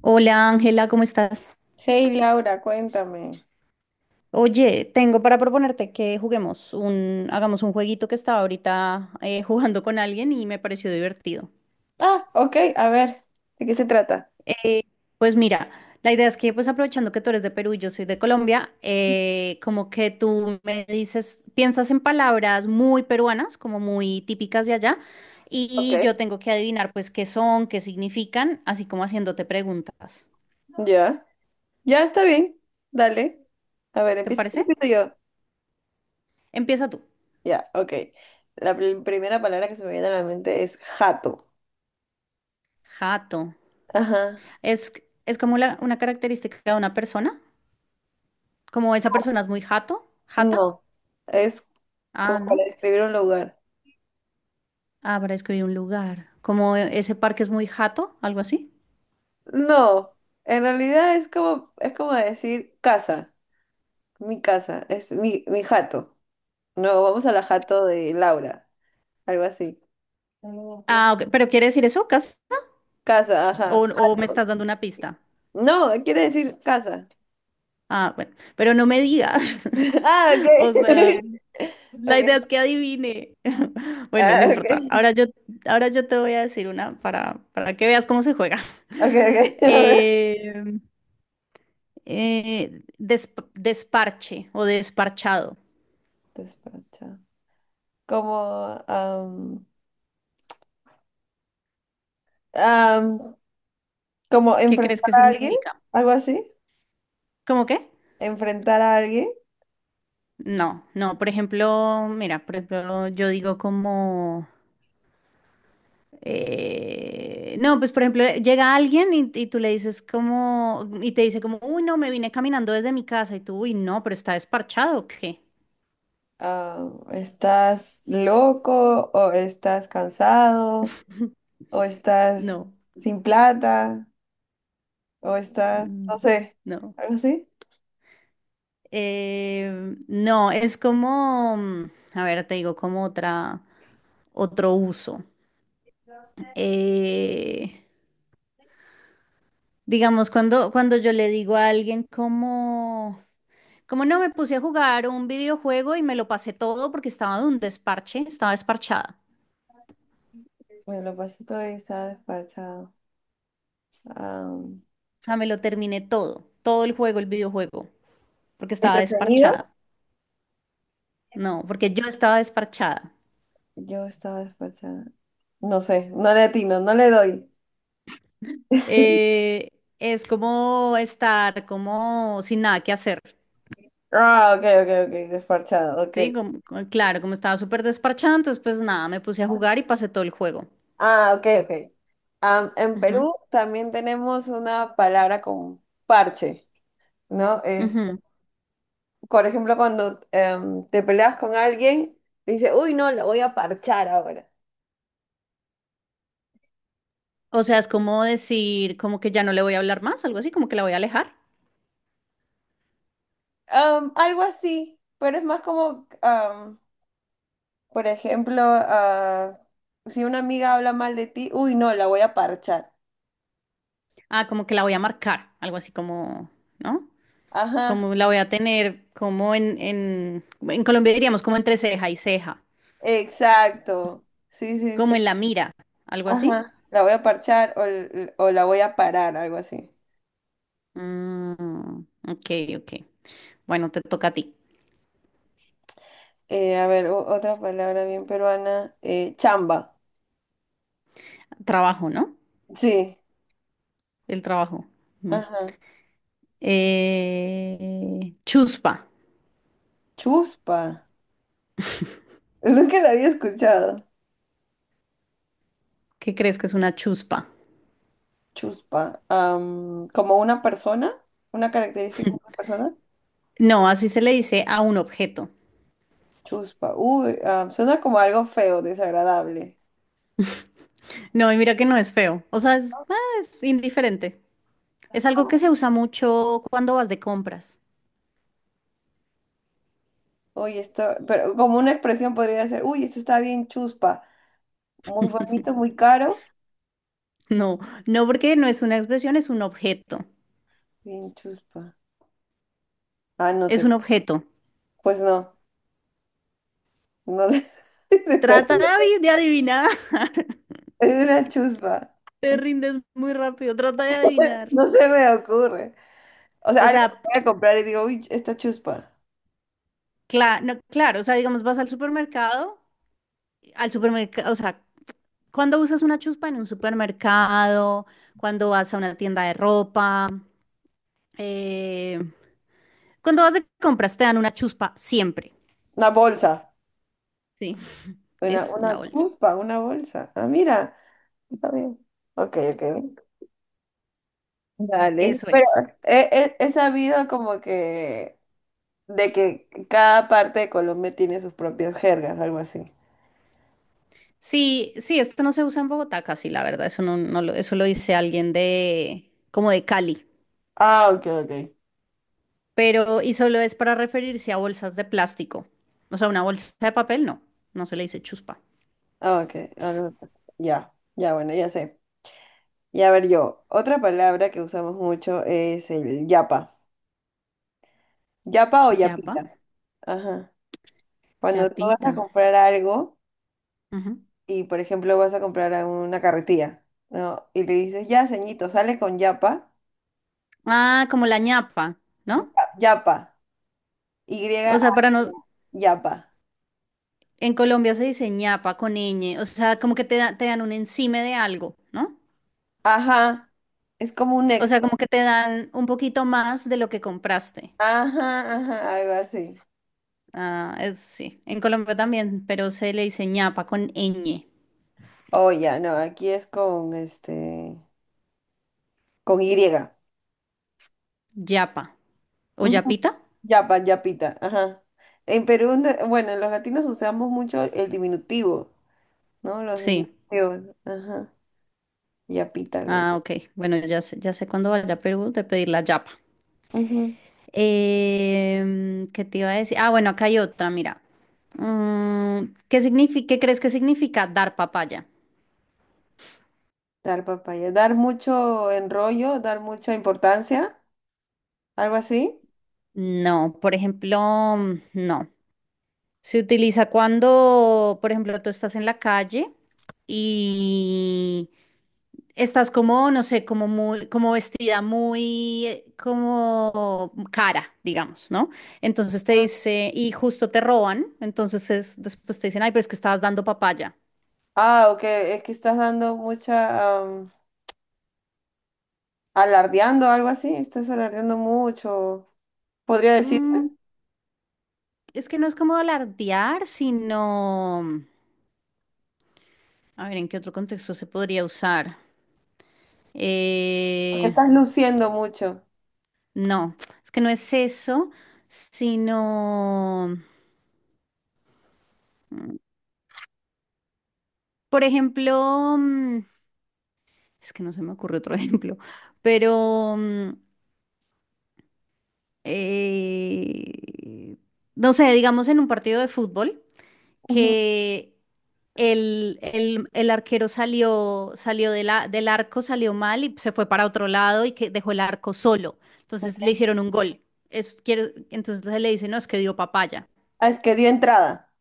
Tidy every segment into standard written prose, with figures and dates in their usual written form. Hola Ángela, ¿cómo estás? Hey Laura, cuéntame. Oye, tengo para proponerte que juguemos hagamos un jueguito que estaba ahorita jugando con alguien y me pareció divertido. Ah, ok, a ver, ¿de qué se trata? Eh, pues mira, la idea es que pues aprovechando que tú eres de Perú y yo soy de Colombia, como que tú me dices, piensas en palabras muy peruanas, como muy típicas de allá, Ok. y yo tengo que adivinar pues qué son, qué significan, así como haciéndote preguntas. Ya, ya está bien, dale. A ver, ¿Te empieza tú, parece? empiezo yo. Empieza tú. Ya, ok. La primera palabra que se me viene a la mente es jato. Jato. Ajá. Es, es como una característica de una persona. Como esa persona es muy jato, jata. No, es Ah, como para no. describir un lugar. Ah, para escribir un lugar. Como ese parque es muy jato, algo así. No, en realidad es como decir casa, mi casa, es mi jato. No, vamos a la jato de Laura, algo así. Mm, cos- Ah, ok. ¿Pero quiere decir eso, casa? Casa, ajá. O me estás dando una pista? No, quiere decir casa. Ah, bueno. Pero no me digas. Ah, ok. O sea, la Ok. idea es que adivine. Bueno, no Ah, importa. ok. Ahora yo te voy a decir para que veas cómo se juega. Ok, ok. A ver. Eh, desparche o desparchado. Despacha. Como, am, am, como ¿Qué crees enfrentar que a alguien, significa? algo así. ¿Cómo qué? Enfrentar a alguien. No, no, por ejemplo, mira, por ejemplo, yo digo como, no, pues por ejemplo, llega alguien y tú le dices como, y te dice como, uy, no, me vine caminando desde mi casa y tú, uy, no, pero está desparchado, ¿o ¿qué? ¿Estás loco o estás cansado o estás No, sin plata o estás, no mm, sé, no. algo así? No, es como, a ver, te digo como otra, otro uso. Eh, Digamos, cuando yo le digo a alguien como, como no me puse a jugar un videojuego y me lo pasé todo porque estaba de un desparche, estaba desparchada. Bueno, lo pasé todo y estaba despachado. Am, O sea, me lo terminé todo, todo el juego, el videojuego, porque estaba ¿entretenido? desparchada. No, porque yo estaba desparchada. Yo estaba desparchada. No sé, no le atino, no le doy. Eh, es como estar como sin nada que hacer, Ah, ok, ok, ok, desparchado, ok. ¿sí? Claro, como estaba súper desparchada, entonces pues nada, me puse a jugar y pasé todo el juego. Ah, ok, ok. Am, en Ujú, Perú también tenemos una palabra con parche, ¿no? Es, ujú. por ejemplo, cuando te peleas con alguien, dice, uy, no, la voy a parchar ahora. O sea, es como decir, como que ya no le voy a hablar más, algo así, como que la voy a alejar. Algo así, pero es más como, por ejemplo, ah, si una amiga habla mal de ti, uy, no, la voy a parchar. Ah, como que la voy a marcar, algo así como, ¿no? Ajá. Como la voy a tener, como en Colombia diríamos, como entre ceja y ceja, Exacto. Sí, sí, como sí. en la mira, algo así. Ajá. La voy a parchar o o la voy a parar, algo así. Mm, ok, ok. Bueno, te toca a ti. A ver, otra palabra bien peruana. Eh, chamba. Trabajo, ¿no? Sí. El trabajo. Bien. Ajá. Chuspa. Chuspa. Nunca la había escuchado. ¿Qué crees que es una chuspa? Chuspa. Am, como una persona, una característica de una persona. No, así se le dice a un objeto. Chuspa. Uy, am, suena como algo feo, desagradable. No, y mira que no es feo. O sea, es, ah, es indiferente. Es algo que se usa mucho cuando vas de compras. Uy, esto, pero como una expresión podría ser, uy, esto está bien chuspa. Muy bonito, muy caro. No, no porque no es una expresión, es un objeto. Bien chuspa. Ah, no Es sé, un objeto. pues no, no le- se Trata de me- de adivinar. es una chuspa, Te rindes muy rápido. Trata de adivinar. no se me ocurre. O sea, O algo que sea, voy a comprar y digo, uy, esta chuspa, no, claro, o sea, digamos, al supermercado, o sea, cuando usas una chuspa en un supermercado, cuando vas a una tienda de ropa, eh, cuando vas de compras te dan una chuspa siempre. una bolsa, Sí. Es una una bolsa. chuspa, una bolsa. Ah, mira, está bien. Ok, ok, dale. Eso Pero es. He sabido como de que cada parte de Colombia tiene sus propias jergas, algo así. Sí, sí, esto no se usa en Bogotá casi, la verdad. Eso no, no lo, eso lo dice alguien de, como de Cali. Ah, ok, ok. Pero, y solo es para referirse a bolsas de plástico. O sea, una bolsa de papel no. No se le dice chuspa. Ah, ok, ya, ya, bueno, ya sé. Y a ver yo, otra palabra que usamos mucho es el yapa. Yapa o Yapa, yapita. Ajá. Cuando tú vas a yapita. comprar algo Ujú. y, por ejemplo, vas a comprar a una carretilla, ¿no? Y le dices, ya, ceñito, sale con yapa. Ah, como la ñapa, ¿no? Ya- Yapa. O Y-A. sea, para no, Yapa. en Colombia se dice ñapa con ñ. O sea, como que te dan un encime de algo, ¿no? Ajá. Es como un O sea, extra. como que te dan un poquito más de lo que compraste. Ajá, ajá, algo así. Ah, es, sí, en Colombia también, pero se le dice ñapa con ñ, Oh ya, no, aquí es con este, con Y. yapa. ¿O Ujú. yapita? Yapa, yapita, ajá. En Perú, bueno, los latinos usamos mucho el diminutivo, ¿no? Los Sí. diminutivos, ajá. Yapita, le- Ah, ok. Bueno, ya sé cuándo vaya a Perú de pedir la yapa. ujú. ¿Qué te iba a decir? Ah, bueno, acá hay otra, mira. Mm, ¿qué significa, qué crees que significa dar papaya? Dar papaya. Dar mucho enrollo, dar mucha importancia, algo así. No, por ejemplo, no. Se utiliza cuando, por ejemplo, tú estás en la calle y estás como, no sé, como muy, como vestida muy, como cara, digamos, ¿no? Entonces te Ah, dice, y justo te roban, entonces después te dicen, ay, pero es que estabas dando papaya. ah, ok, es que estás dando mucha, am, alardeando, algo así. Estás alardeando mucho. Podría decir, Mm, es que no es como alardear, sino, a ver, ¿en qué otro contexto se podría usar? porque Eh, estás luciendo mucho. no, es que no es eso, sino... Por ejemplo, es que no se me ocurre otro ejemplo, pero eh, no sé, digamos en un partido de fútbol Ujú. que el arquero salió, salió de del arco, salió mal y se fue para otro lado y que dejó el arco solo. Entonces le hicieron un gol. Entonces le dice, no, es que dio papaya. Ah, es que dio entrada.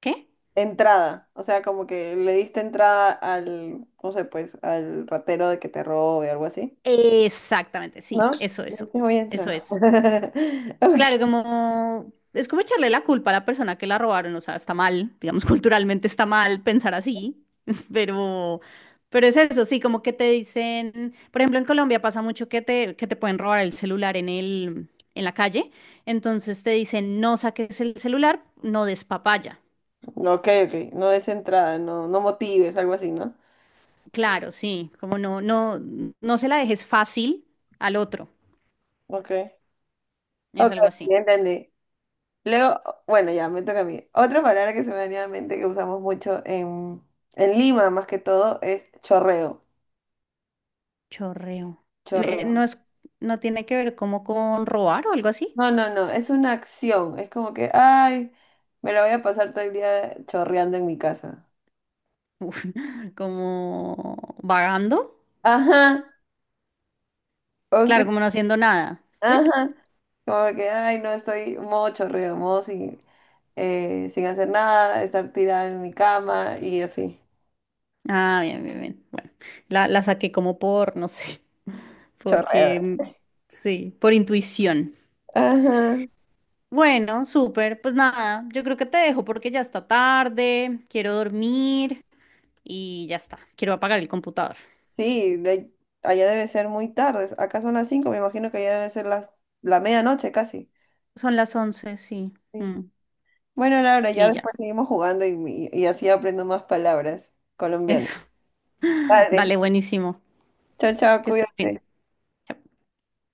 ¿Qué? Entrada, o sea, como que le diste entrada al, no sé, pues, al ratero de que te robe, algo así. Exactamente, sí, ¿No? eso, Le eso, diste, voy a eso entrar. es. Ok, Claro, como es como echarle la culpa a la persona que la robaron, o sea, está mal, digamos, culturalmente está mal pensar así, pero, pero es eso, sí, como que te dicen, por ejemplo, en Colombia pasa mucho que te pueden robar el celular en el, en la calle, entonces te dicen, no saques el celular, no des papaya. ok, ok, no des entrada, no, no motives, algo así, ¿no? Claro, sí, como no, no, no se la dejes fácil al otro, Ok, es ok, algo así. ya entendí. Luego, bueno, ya, me toca a mí. Otra palabra que se me venía a la mente que usamos mucho en Lima, más que todo, es chorreo. Chorreo. Chorreo. No es, no tiene que ver como con robar o algo así. No, no, no, es una acción. Es como que, ay, me la voy a pasar todo el día chorreando en mi casa. Uf, como vagando, Ajá, claro, aunque, como no haciendo nada, ¿sí? ajá, como que, ay, no, estoy modo chorreo, modo sin, sin hacer nada, estar tirada en mi cama y así, Ah, bien, bien, bien. Bueno, la saqué como por, no sé, chorreo. porque sí, por intuición. Ajá, Bueno, súper, pues nada, yo creo que te dejo porque ya está tarde, quiero dormir y ya está, quiero apagar el computador. sí, de, allá debe ser muy tarde, acá son las 5, me imagino que allá debe ser las, la medianoche casi. Son las 11 sí. Sí. Mm, Bueno, Laura, ya sí, ya, después seguimos jugando y así aprendo más palabras colombianas. eso. Vale, Dale, buenísimo. chao, chao, Que estés bien. cuídate. Chao.